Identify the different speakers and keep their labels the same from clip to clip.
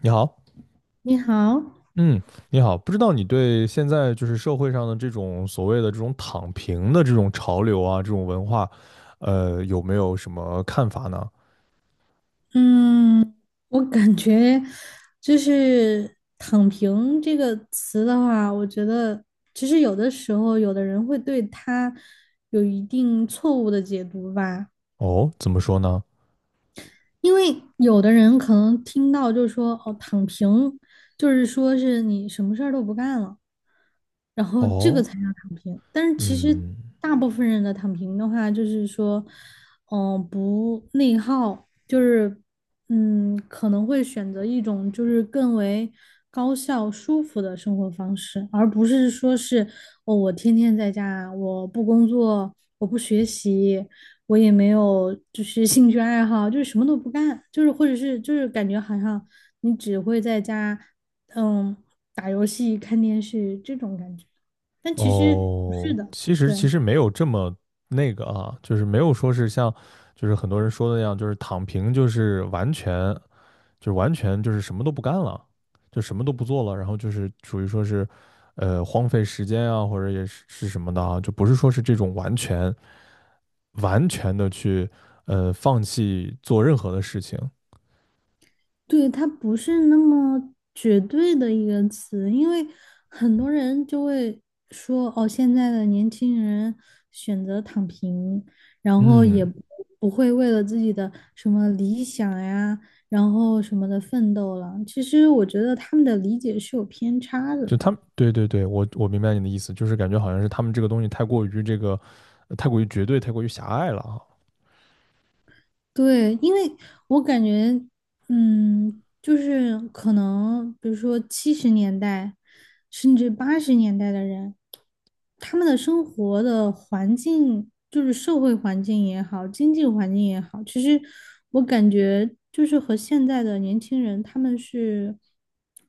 Speaker 1: 你好，
Speaker 2: 你好，
Speaker 1: 嗯，你好，不知道你对现在就是社会上的这种所谓的这种躺平的这种潮流啊，这种文化，有没有什么看法呢？
Speaker 2: 嗯，我感觉就是"躺平"这个词的话，我觉得其实有的时候，有的人会对它有一定错误的解读吧，
Speaker 1: 哦，怎么说呢？
Speaker 2: 因为有的人可能听到就说"哦，躺平"，就是说是你什么事儿都不干了。然后这个
Speaker 1: 哦，
Speaker 2: 才叫躺平。但是其实
Speaker 1: 嗯，
Speaker 2: 大部分人的躺平的话，就是说，不内耗，就是可能会选择一种就是更为高效、舒服的生活方式，而不是说是哦，我天天在家，我不工作，我不学习。我也没有，就是兴趣爱好，就是什么都不干，就是或者是就是感觉好像你只会在家，嗯。打游戏、看电视这种感觉，但其实不是
Speaker 1: 哦，
Speaker 2: 的，
Speaker 1: 其实其
Speaker 2: 对
Speaker 1: 实没有这么那个啊，就是没有说是像就是很多人说的那样，就是躺平就是完全。就是完全就是什么都不干了，就什么都不做了，然后就是属于说是，荒废时间啊，或者也是什么的啊，就不是说是这种完全的去放弃做任何的事情。
Speaker 2: 对，它不是那么绝对的一个词，因为很多人就会说，哦，现在的年轻人选择躺平，然后也
Speaker 1: 嗯，
Speaker 2: 不不会为了自己的什么理想呀，然后什么的奋斗了。其实我觉得他们的理解是有偏差的。
Speaker 1: 就他们，对对对，我明白你的意思，就是感觉好像是他们这个东西太过于这个，太过于绝对，太过于狭隘了啊。
Speaker 2: 对，因为我感觉，就是可能，比如说七十年代，甚至八十年代的人，他们的生活的环境，就是社会环境也好，经济环境也好，其实我感觉就是和现在的年轻人，他们是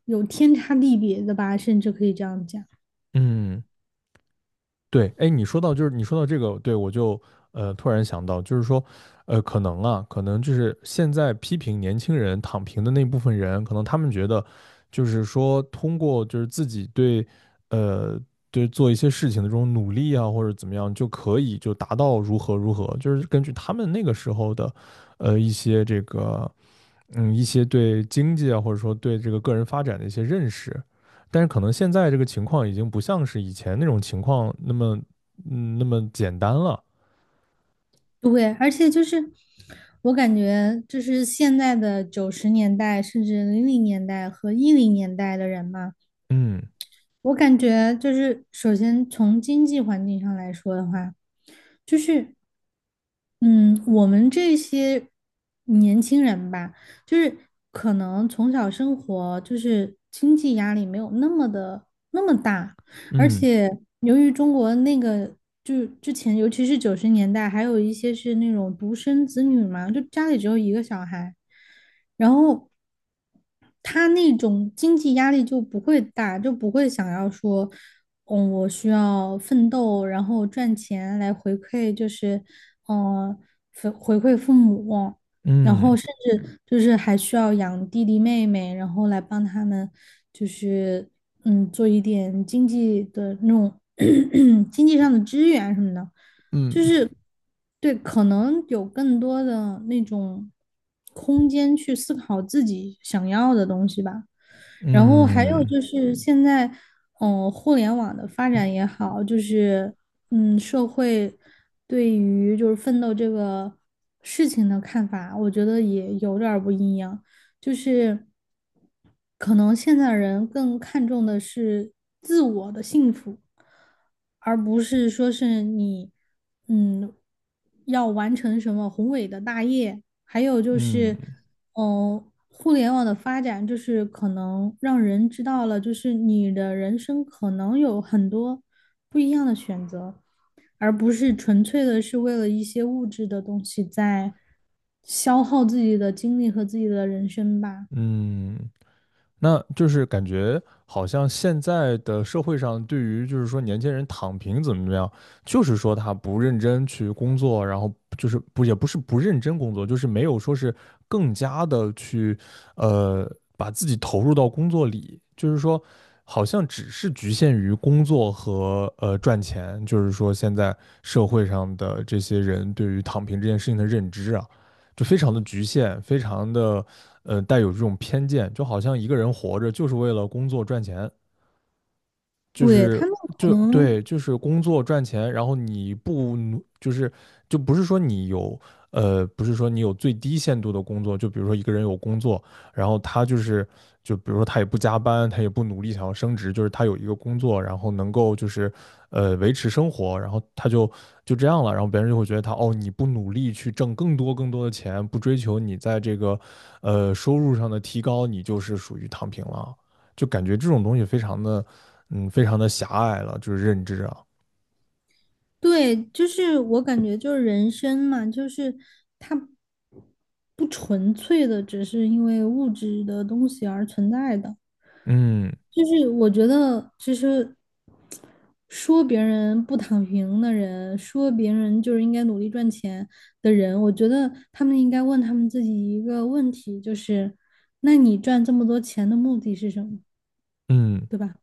Speaker 2: 有天差地别的吧，甚至可以这样讲。
Speaker 1: 嗯对，哎，你说到这个，对我就突然想到，就是说，可能就是现在批评年轻人躺平的那部分人，可能他们觉得，就是说通过就是自己呃，对做一些事情的这种努力啊，或者怎么样，就可以就达到如何如何，就是根据他们那个时候的，一些这个嗯，一些对经济啊，或者说对这个个人发展的一些认识，但是可能现在这个情况已经不像是以前那种情况那么简单了。
Speaker 2: 对，而且就是我感觉，就是现在的九十年代甚至零零年代和一零年代的人嘛，
Speaker 1: 嗯
Speaker 2: 我感觉就是，首先从经济环境上来说的话，就是，嗯，我们这些年轻人吧，就是可能从小生活就是经济压力没有那么的那么大，而
Speaker 1: 嗯
Speaker 2: 且由于中国那个就是之前，尤其是九十年代，还有一些是那种独生子女嘛，就家里只有一个小孩，然后他那种经济压力就不会大，就不会想要说，我需要奋斗，然后赚钱来回馈，就是，嗯、回馈父母，然后
Speaker 1: 嗯
Speaker 2: 甚至就是还需要养弟弟妹妹，然后来帮他们，就是做一点经济的那种 经济上的支援什么的。就
Speaker 1: 嗯
Speaker 2: 是对，可能有更多的那种空间去思考自己想要的东西吧。然后还有
Speaker 1: 嗯
Speaker 2: 就是现在，互联网的发展也好，就是社会对于就是奋斗这个事情的看法，我觉得也有点儿不一样。就是可能现在人更看重的是自我的幸福，而不是说是你嗯要完成什么宏伟的大业，还有就
Speaker 1: 嗯
Speaker 2: 是
Speaker 1: 嗯
Speaker 2: 嗯。互联网的发展就是可能让人知道了，就是你的人生可能有很多不一样的选择，而不是纯粹的是为了一些物质的东西在消耗自己的精力和自己的人生吧。
Speaker 1: 嗯那就是感觉好像现在的社会上，对于就是说年轻人躺平怎么怎么样，就是说他不认真去工作，然后就是不也不是不认真工作，就是没有说是更加的去呃把自己投入到工作里，就是说好像只是局限于工作和赚钱，就是说现在社会上的这些人对于躺平这件事情的认知啊。就非常的局限，非常的带有这种偏见，就好像一个人活着就是为了工作赚钱，
Speaker 2: 对，他们可
Speaker 1: 就
Speaker 2: 能
Speaker 1: 对，就是工作赚钱，然后你不努，就是就不是说你有不是说你有最低限度的工作，就比如说一个人有工作，然后他就比如说他也不加班，他也不努力想要升职，就是他有一个工作，然后能够就是维持生活，然后他就这样了，然后别人就会觉得他哦，你不努力去挣更多更多的钱，不追求你在这个收入上的提高，你就是属于躺平了。就感觉这种东西非常的，嗯，非常的狭隘了，就是认知啊，
Speaker 2: 对，就是我感觉就是人生嘛，就是它不纯粹的只是因为物质的东西而存在的。
Speaker 1: 嗯
Speaker 2: 就是我觉得，其实说别人不躺平的人，说别人就是应该努力赚钱的人，我觉得他们应该问他们自己一个问题，就是，那你赚这么多钱的目的是什么，
Speaker 1: 嗯，
Speaker 2: 对吧？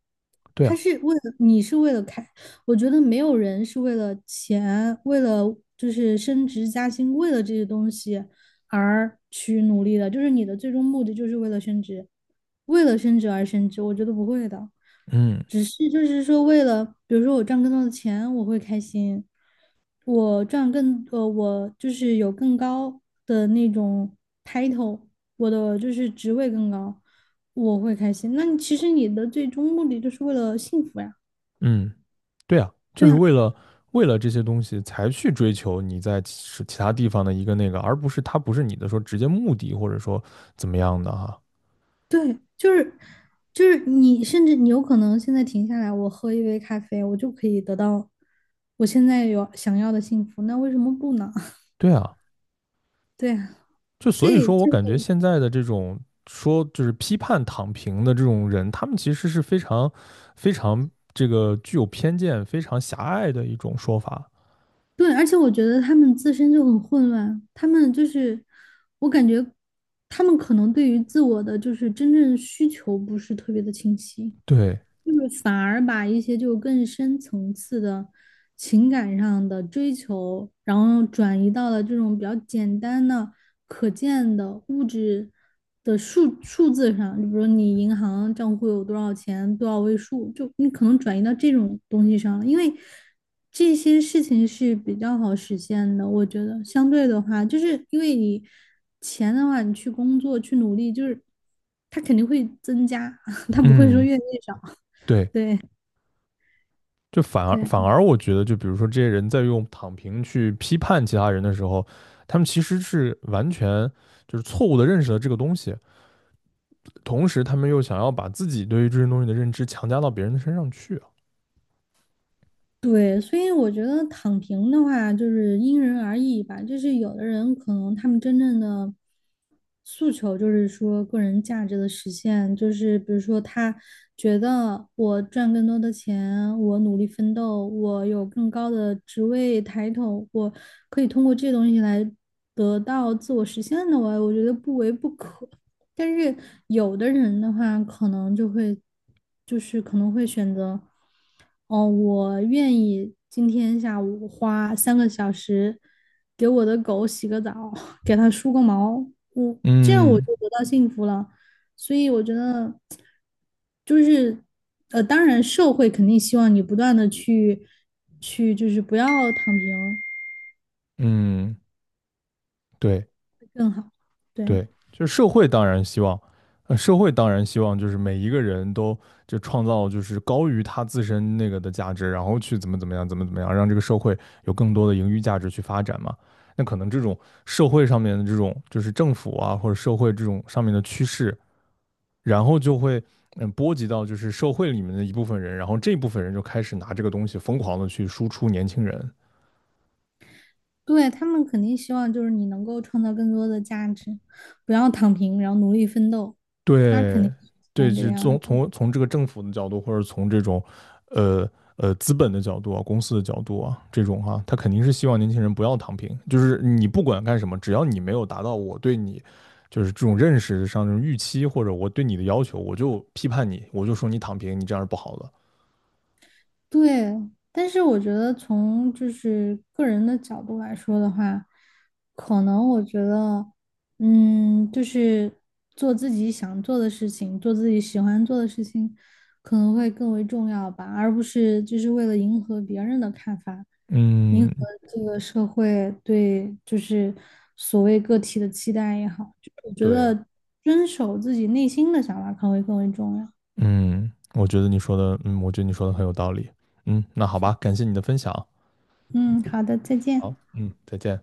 Speaker 1: 对
Speaker 2: 他
Speaker 1: 啊，
Speaker 2: 是为了你是为了开，我觉得没有人是为了钱，为了就是升职加薪，为了这些东西而去努力的，就是你的最终目的就是为了升职，为了升职而升职，我觉得不会的。
Speaker 1: 嗯
Speaker 2: 只是就是说，为了比如说我赚更多的钱，我会开心，我就是有更高的那种 title，我的就是职位更高，我会开心。那你其实你的最终目的就是为了幸福呀，
Speaker 1: 嗯，对啊，就
Speaker 2: 对
Speaker 1: 是
Speaker 2: 呀，
Speaker 1: 为了这些东西才去追求你在其他地方的一个那个，而不是它不是你的说直接目的或者说怎么样的哈，
Speaker 2: 对，就是你甚至你有可能现在停下来，我喝一杯咖啡，我就可以得到我现在有想要的幸福，那为什么不呢？
Speaker 1: 对啊，
Speaker 2: 对呀，
Speaker 1: 就
Speaker 2: 所
Speaker 1: 所以
Speaker 2: 以
Speaker 1: 说我
Speaker 2: 就
Speaker 1: 感觉现在的这种说就是批判躺平的这种人，他们其实是非常非常这个具有偏见、非常狭隘的一种说法，
Speaker 2: 对，而且我觉得他们自身就很混乱，他们就是，我感觉他们可能对于自我的就是真正需求不是特别的清晰。
Speaker 1: 对，
Speaker 2: 就是反而把一些就更深层次的情感上的追求，然后转移到了这种比较简单的、可见的物质的数字上，就比如你银行账户有多少钱，多少位数，就你可能转移到这种东西上了，因为这些事情是比较好实现的，我觉得相对的话，就是因为你钱的话，你去工作去努力，就是它肯定会增加，它不会说
Speaker 1: 嗯。
Speaker 2: 越来越少。
Speaker 1: 对，就反而
Speaker 2: 对
Speaker 1: 反而我觉得，就比如说这些人在用躺平去批判其他人的时候，他们其实是完全就是错误的认识了这个东西，同时他们又想要把自己对于这些东西的认知强加到别人的身上去啊
Speaker 2: 对，所以我觉得躺平的话，就是因人而异吧。就是有的人可能他们真正的诉求就是说个人价值的实现，就是比如说他觉得我赚更多的钱，我努力奋斗，我有更高的职位抬头，我可以通过这些东西来得到自我实现的我，我觉得不为不可。但是有的人的话，可能就会，就是可能会选择，哦，我愿意今天下午花三个小时给我的狗洗个澡，给它梳个毛，我这样我
Speaker 1: 嗯
Speaker 2: 就得到幸福了。所以我觉得，就是当然社会肯定希望你不断的去就是不要躺平
Speaker 1: 嗯，对，
Speaker 2: 更好，对。
Speaker 1: 对，就是社会当然希望，就是每一个人都就创造就是高于他自身那个的价值，然后去怎么怎么样，怎么怎么样，让这个社会有更多的盈余价值去发展嘛。那可能这种社会上面的这种就是政府啊或者社会这种上面的趋势，然后就会波及到就是社会里面的一部分人，然后这部分人就开始拿这个东西疯狂的去输出年轻人，
Speaker 2: 对，他们肯定希望就是你能够创造更多的价值，不要躺平，然后努力奋斗，他肯
Speaker 1: 对，
Speaker 2: 定是希
Speaker 1: 对，
Speaker 2: 望这个
Speaker 1: 是
Speaker 2: 样
Speaker 1: 从
Speaker 2: 子。
Speaker 1: 从从这个政府的角度，或者从这种，呃资本的角度啊，公司的角度啊，这种哈、他肯定是希望年轻人不要躺平，就是你不管干什么，只要你没有达到我对你就是这种认识上这种预期，或者我对你的要求，我就批判你，我就说你躺平，你这样是不好的。
Speaker 2: 对，但是我觉得从就是个人的角度来说的话，可能我觉得，就是做自己想做的事情，做自己喜欢做的事情，可能会更为重要吧，而不是就是为了迎合别人的看法，迎合
Speaker 1: 嗯，
Speaker 2: 这个社会对就是所谓个体的期待也好，就我觉
Speaker 1: 对，
Speaker 2: 得遵守自己内心的想法可能会更为重要。
Speaker 1: 嗯，我觉得你说的很有道理。嗯，那好吧，感谢你的分享。
Speaker 2: 嗯，好的，再
Speaker 1: 好，
Speaker 2: 见。
Speaker 1: 嗯，再见。